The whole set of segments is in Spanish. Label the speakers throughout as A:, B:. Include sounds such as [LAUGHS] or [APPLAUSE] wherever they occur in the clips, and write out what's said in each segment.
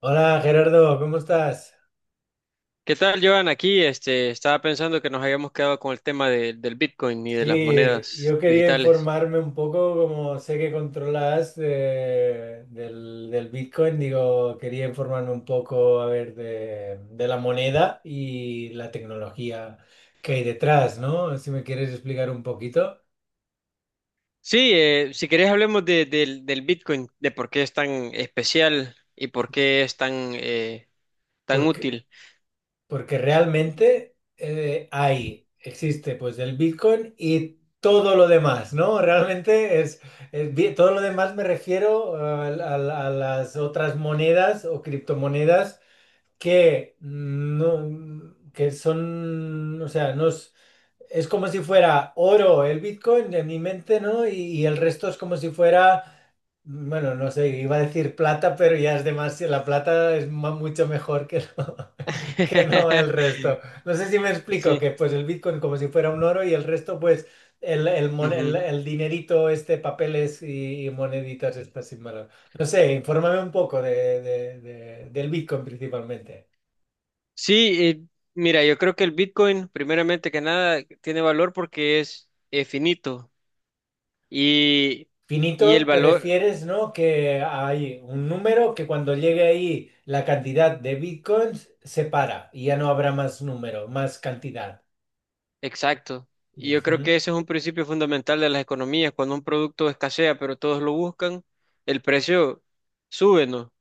A: Hola Gerardo, ¿cómo estás?
B: ¿Qué tal, Joan? Aquí, estaba pensando que nos habíamos quedado con el tema del Bitcoin y de las
A: Sí, yo
B: monedas
A: quería
B: digitales.
A: informarme un poco, como sé que controlas del Bitcoin, digo, quería informarme un poco, a ver, de la moneda y la tecnología que hay detrás, ¿no? Si me quieres explicar un poquito.
B: Sí, si querés hablemos del Bitcoin, de por qué es tan especial y por qué es tan, tan
A: Porque
B: útil.
A: Porque realmente hay, existe pues el Bitcoin y todo lo demás, ¿no? Realmente es bi- Todo lo demás me refiero a las otras monedas o criptomonedas que son, o sea, es como si fuera oro el Bitcoin en mi mente, ¿no? Y el resto es como si fuera bueno, no sé, iba a decir plata, pero ya es demasiado. La plata es mucho mejor que no, [LAUGHS] que no el
B: [LAUGHS]
A: resto. No sé si me explico,
B: Sí.
A: que pues el Bitcoin como si fuera un oro, y el resto pues
B: Ujú.
A: el dinerito, este, papeles y moneditas estas sin valor. No sé, infórmame un poco del Bitcoin principalmente.
B: Sí, mira, yo creo que el Bitcoin, primeramente que nada, tiene valor porque es finito y, y el
A: Finito, te
B: valor
A: refieres, ¿no? Que hay un número que cuando llegue ahí la cantidad de Bitcoins se para, y ya no habrá más número, más cantidad.
B: exacto. Y yo creo
A: Ujú.
B: que ese es un principio fundamental de las economías. Cuando un producto escasea, pero todos lo buscan, el precio sube, ¿no?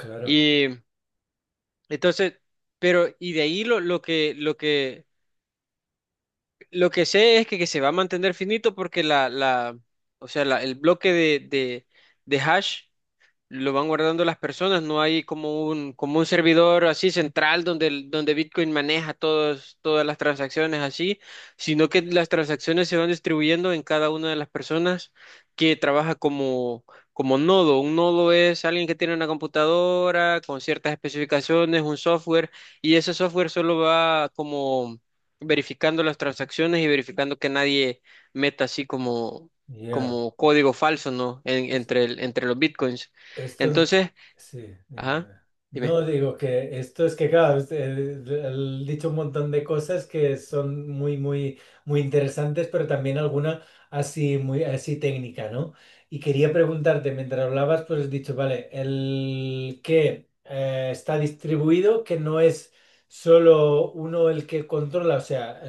A: Claro,
B: Y entonces, pero, y de ahí lo que sé es que se va a mantener finito porque o sea, el bloque de hash lo van guardando las personas, no hay como un servidor así central donde, donde Bitcoin maneja todos, todas las transacciones así, sino que las transacciones se van distribuyendo en cada una de las personas que trabaja como, como nodo. Un nodo es alguien que tiene una computadora con ciertas especificaciones, un software, y ese software solo va como verificando las transacciones y verificando que nadie meta así como,
A: ya.
B: como código falso, ¿no?
A: Es-
B: Entre, entre los bitcoins.
A: Esto,
B: Entonces,
A: sí, dime,
B: ajá,
A: dime.
B: dime.
A: No digo, que esto es que, claro, he dicho un montón de cosas que son muy interesantes, pero también alguna así, muy, así técnica, ¿no? Y quería preguntarte, mientras hablabas, pues has dicho, vale, el que está distribuido, que no es solo uno el que controla, o sea,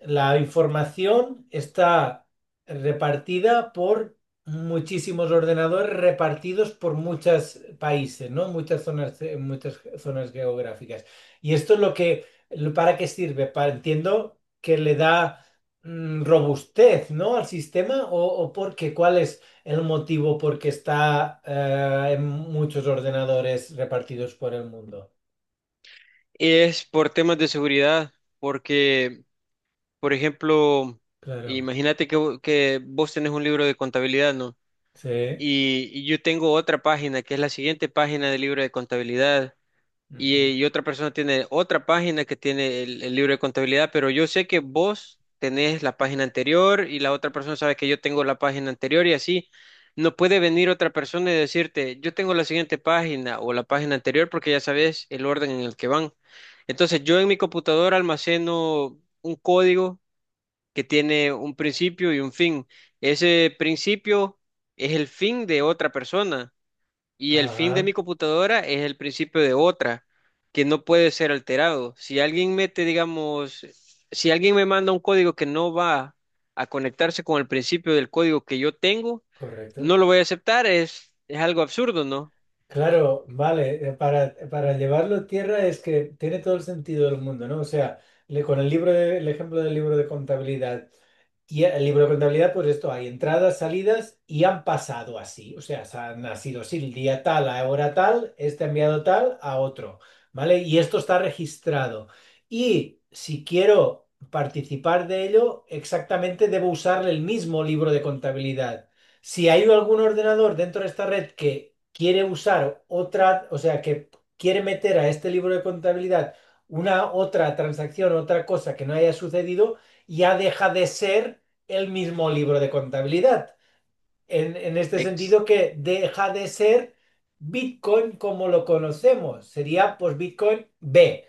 A: la información está repartida por muchísimos ordenadores repartidos por muchos países, ¿no? Muchas zonas geográficas. Y esto es lo que, ¿para qué sirve? Para, entiendo que le da robustez, ¿no? Al sistema, o porque, ¿cuál es el motivo por qué está en muchos ordenadores repartidos por el mundo?
B: Es por temas de seguridad, porque, por ejemplo,
A: Claro,
B: imagínate que, que vos tenés un libro de contabilidad, ¿no?
A: sí.
B: Y yo tengo otra página, que es la siguiente página del libro de contabilidad. Y,
A: Ujú.
B: y otra persona tiene otra página que tiene el libro de contabilidad, pero yo sé que vos tenés la página anterior y la otra persona sabe que yo tengo la página anterior y así no puede venir otra persona y decirte, yo tengo la siguiente página o la página anterior porque ya sabes el orden en el que van. Entonces yo en mi computadora almaceno un código que tiene un principio y un fin. Ese principio es el fin de otra persona. Y el fin de
A: Ajá,
B: mi computadora es el principio de otra, que no puede ser alterado. Si alguien mete, digamos, si alguien me manda un código que no va a conectarse con el principio del código que yo tengo, no
A: correcto.
B: lo voy a aceptar. Es algo absurdo, ¿no?
A: Claro, vale, para llevarlo a tierra, es que tiene todo el sentido del mundo, ¿no? O sea, con el libro el ejemplo del libro de contabilidad. Y el libro de contabilidad, pues esto, hay entradas, salidas y han pasado así. O sea, se han nacido así, el día tal, a hora tal, este ha enviado tal a otro, ¿vale? Y esto está registrado. Y si quiero participar de ello, exactamente debo usar el mismo libro de contabilidad. Si hay algún ordenador dentro de esta red que quiere usar otra, o sea, que quiere meter a este libro de contabilidad una otra transacción, otra cosa que no haya sucedido, ya deja de ser el mismo libro de contabilidad. En este
B: Ex-
A: sentido, que deja de ser Bitcoin como lo conocemos, sería pues Bitcoin B.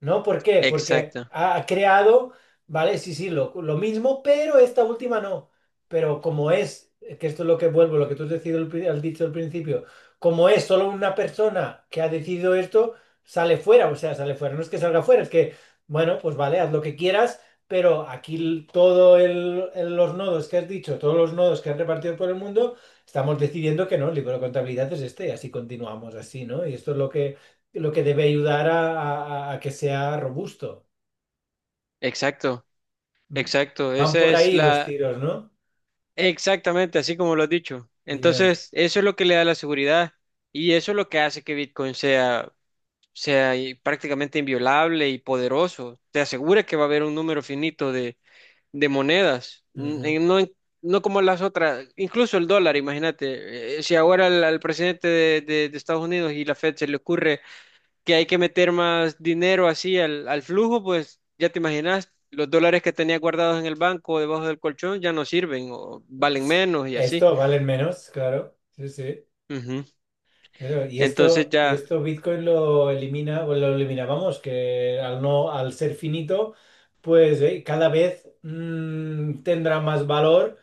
A: ¿No? ¿Por qué? Porque
B: exacto,
A: ha creado, ¿vale? Sí, sí, lo mismo, pero esta última no. Pero como es, que esto es lo que vuelvo, lo que tú has decidido al has dicho al principio, como es solo una persona que ha decidido esto, sale fuera, o sea, sale fuera. No es que salga fuera, es que, bueno, pues vale, haz lo que quieras, pero aquí todo los nodos que has dicho, todos los nodos que has repartido por el mundo, estamos decidiendo que no, el libro de contabilidad es este, y así continuamos así, ¿no? Y esto es lo que debe ayudar a que sea robusto.
B: exacto, exacto.
A: Van
B: Esa
A: por
B: es
A: ahí los
B: la,
A: tiros, ¿no?
B: exactamente así como lo has dicho.
A: Ya.
B: Entonces, eso es lo que le da la seguridad y eso es lo que hace que Bitcoin sea y prácticamente inviolable y poderoso. Te asegura que va a haber un número finito de monedas,
A: Ujú.
B: No como las otras, incluso el dólar, imagínate, si ahora al presidente de Estados Unidos y la Fed se le ocurre que hay que meter más dinero así al flujo, pues ya te imaginas. Los dólares que tenía guardados en el banco o debajo del colchón ya no sirven o valen
A: Sí.
B: menos y así.
A: Esto valen menos, claro. Sí, sí.
B: Ujú.
A: Claro, y
B: Entonces
A: esto, y
B: ya,
A: esto Bitcoin lo elimina, o lo eliminábamos, que al no, al ser finito, pues cada vez tendrá más valor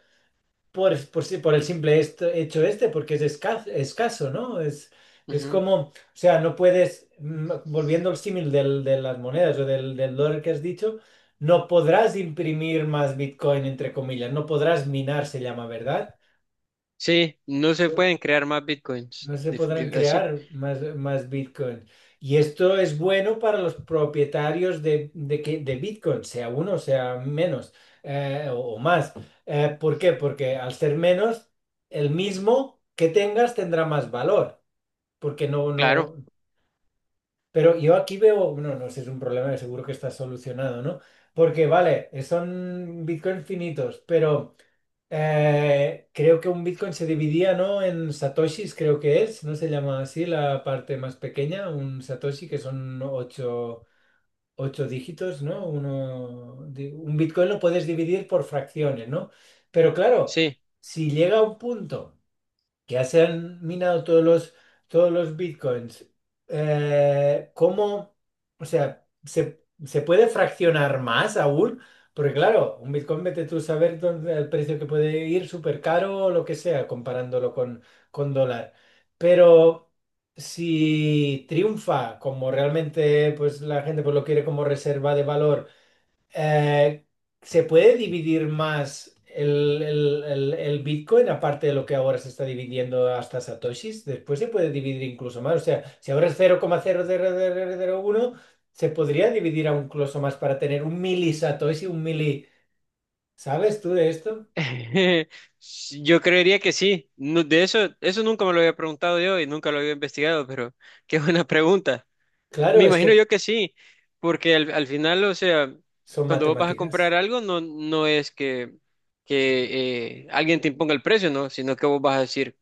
A: por, si- por el simple hecho este, porque es escaso, ¿no? Es
B: ujú.
A: como, o sea, no puedes, volviendo al símil de las monedas o del dólar que has dicho, no podrás imprimir más Bitcoin, entre comillas, no podrás minar, se llama, ¿verdad?
B: Sí, no se pueden crear más bitcoins
A: No se podrán
B: así.
A: crear más Bitcoin. Y esto es bueno para los propietarios de Bitcoin, sea uno, sea menos o más. ¿Por qué? Porque al ser menos, el mismo que tengas tendrá más valor. Porque no,
B: Claro,
A: no. Pero yo aquí veo, no, no sé, es un problema que seguro que está solucionado, ¿no? Porque vale, son Bitcoin finitos, pero. Creo que un Bitcoin se dividía, ¿no? En satoshis, creo que es, ¿no se llama así la parte más pequeña? Un satoshi, que son ocho dígitos, ¿no? Uno, un Bitcoin lo puedes dividir por fracciones, ¿no? Pero claro,
B: sí.
A: si llega a un punto que ya se han minado todos los bitcoins, ¿cómo? O sea, se puede fraccionar más aún? Porque claro, un bitcoin vete tú a saber dónde, el precio que puede ir súper caro o lo que sea, comparándolo con dólar. Pero si triunfa como realmente pues, la gente pues, lo quiere como reserva de valor, eh, ¿se puede dividir más el Bitcoin, aparte de lo que ahora se está dividiendo hasta Satoshis? Después se puede dividir incluso más. O sea, si ahora es cero coma cero cero cero coma uno, se podría dividir aún incluso más para tener un mili Satoshi, un mili. ¿Sabes tú de esto?
B: [LAUGHS] Sí, yo creería que sí. No, de eso, eso nunca me lo había preguntado yo y nunca lo había investigado, pero [LAUGHS] qué buena pregunta.
A: Claro,
B: Me
A: es
B: imagino
A: que
B: yo que sí, porque al final, o sea,
A: son
B: cuando vos vas a comprar
A: matemáticas.
B: algo, no, no es que alguien te imponga el precio, ¿no? Sino que vos vas a decir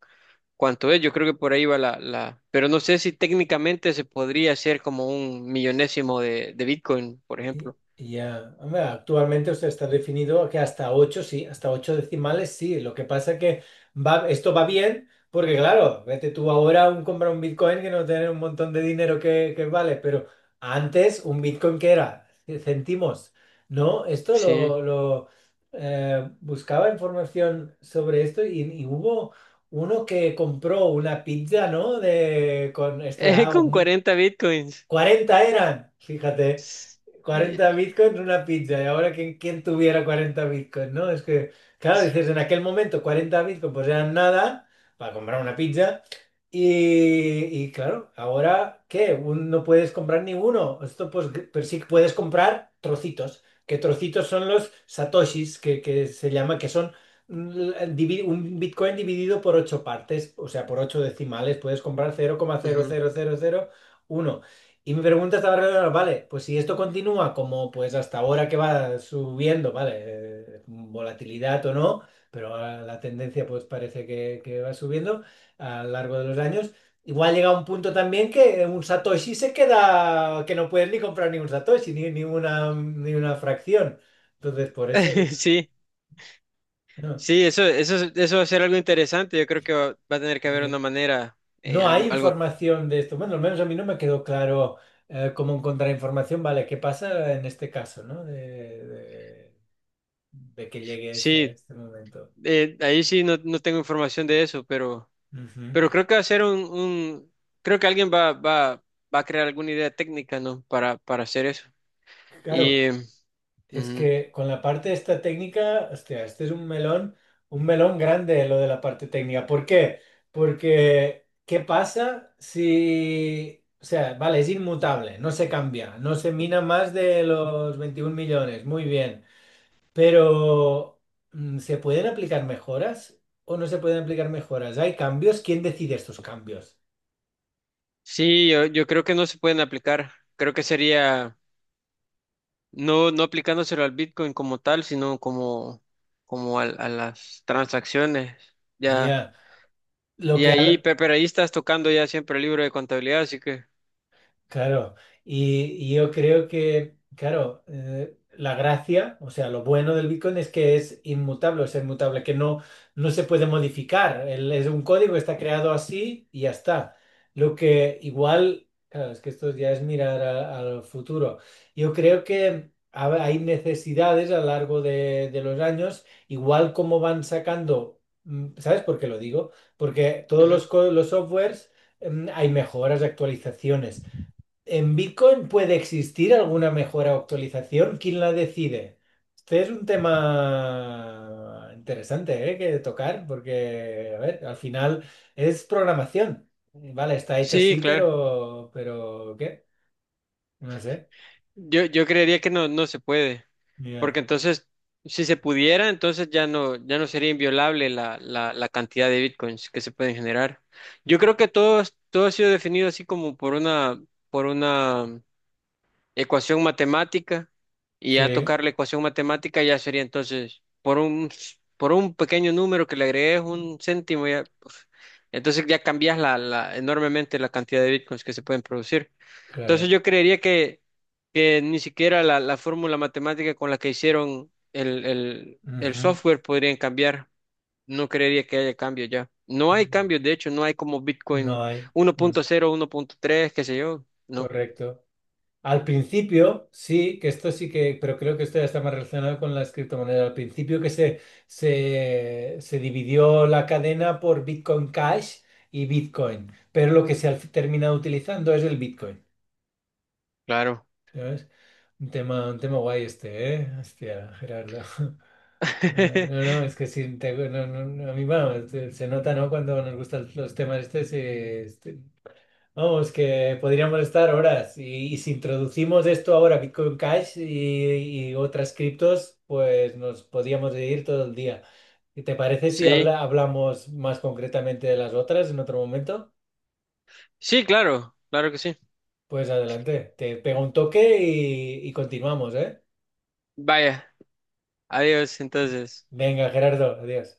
B: cuánto es. Yo creo que por ahí va la. Pero no sé si técnicamente se podría hacer como un millonésimo de Bitcoin, por
A: Y-
B: ejemplo.
A: Ya, hombre, actualmente usted está definido que hasta 8 sí, hasta 8 decimales, sí. Lo que pasa que va, esto va bien, porque claro, vete tú ahora a comprar un Bitcoin que no tiene un montón de dinero que vale, pero antes un Bitcoin que era centimos, ¿no? Esto
B: Sí.
A: buscaba información sobre esto, y hubo uno que compró una pizza, ¿no? De, con esto ya,
B: [LAUGHS] Con 40 Bitcoins.
A: 40 eran, fíjate.
B: Sí,
A: 40 bitcoins una pizza. Y ahora, quién tuviera 40 bitcoins, no? Es que, claro, dices, en aquel momento 40 bitcoins pues eran nada para comprar una pizza. Y claro, ahora, ¿qué? No puedes comprar ninguno. Esto, pues, pero sí que puedes comprar trocitos. Que trocitos son los satoshis, que se llama, que son un bitcoin dividido por ocho partes, o sea, por ocho decimales. Puedes comprar cero coma cero
B: ujú.
A: cero cero cero coma uno, y mi pregunta estaba relacionada, vale, pues si esto continúa como pues hasta ahora que va subiendo, vale, volatilidad o no, pero la tendencia pues parece que va subiendo a lo largo de los años, igual llega un punto también que un Satoshi se queda, que no puedes ni comprar ni un Satoshi, ni, ni una, ni una fracción. Entonces, por eso digo,
B: [LAUGHS] Sí,
A: no.
B: sí, eso va a ser algo interesante. Yo creo que va, va a tener que haber
A: Eh,
B: una manera,
A: no hay
B: algo, algo.
A: información de esto. Bueno, al menos a mí no me quedó claro cómo encontrar información. Vale, ¿qué pasa en este caso, ¿no? De, de- de que llegue este,
B: Sí,
A: este momento.
B: ahí sí no, no tengo información de eso,
A: Ujú.
B: pero creo que va a ser creo que alguien va a crear alguna idea técnica, ¿no? Para hacer eso.
A: Claro,
B: Y
A: es
B: ujú.
A: que con la parte de esta técnica, hostia, este es un melón grande lo de la parte técnica. ¿Por qué? Porque, ¿qué pasa si, o sea, vale, es inmutable, no se cambia, no se mina más de los 21 millones, muy bien, pero ¿se pueden aplicar mejoras o no se pueden aplicar mejoras? ¿Hay cambios? ¿Quién decide estos cambios?
B: Sí, yo creo que no se pueden aplicar. Creo que sería no, no aplicándoselo al Bitcoin como tal, sino como, como a las transacciones. Ya.
A: Ya, lo
B: Y
A: que,
B: ahí, pero ahí estás tocando ya siempre el libro de contabilidad, así que.
A: claro, y, y yo creo que, claro, la gracia, o sea, lo bueno del Bitcoin es que es inmutable, que no, no se puede modificar. Es un código, está creado así y ya está. Lo que igual, claro, es que esto ya es mirar al futuro. Yo creo que hay necesidades a lo largo de los años, igual como van sacando, ¿sabes por qué lo digo? Porque todos
B: Ujú.
A: los, los softwares, hay mejoras, actualizaciones. ¿En Bitcoin puede existir alguna mejora o actualización? ¿Quién la decide? Este es un tema interesante, ¿eh? Que tocar, porque, a ver, al final es programación. Vale, está hecha
B: Sí,
A: así,
B: claro.
A: pero ¿qué? No sé.
B: Yo creería que no, no se puede. Porque
A: Ya.
B: entonces, si se pudiera, entonces ya no, ya no sería inviolable la cantidad de bitcoins que se pueden generar. Yo creo que todo, todo ha sido definido así como por una ecuación matemática y a
A: Sí,
B: tocar la ecuación matemática ya sería entonces por un pequeño número que le agregues un céntimo ya, uf, entonces ya cambias enormemente la cantidad de bitcoins que se pueden producir. Entonces
A: claro.
B: yo creería que ni siquiera la fórmula matemática con la que hicieron el
A: Ujú.
B: software podrían cambiar. No creería que haya cambio ya. No hay
A: Ya.
B: cambios, de hecho, no hay como Bitcoin
A: No hay.
B: uno uno punto cero uno punto tres qué sé yo. No,
A: Correcto. Al principio, sí, que esto sí que, pero creo que esto ya está más relacionado con las criptomonedas. Al principio se dividió la cadena por Bitcoin Cash y Bitcoin, pero lo que se ha terminado utilizando es el Bitcoin,
B: claro.
A: ¿sabes? Un tema guay este, ¿eh? Hostia, Gerardo. [LAUGHS] Eh,
B: [LAUGHS]
A: no, no, es que sí, no, no, no, a mí bueno, se nota, ¿no? Cuando nos gustan los temas estos, vamos, que podríamos estar horas. Y si introducimos esto ahora, Bitcoin Cash y otras criptos, pues nos podríamos ir todo el día. ¿Y te parece si
B: Sí,
A: hablamos más concretamente de las otras en otro momento?
B: sí, claro, claro que sí.
A: Pues adelante, te pego un toque y continuamos, ¿eh?
B: Vaya, adiós entonces.
A: Venga, Gerardo, adiós.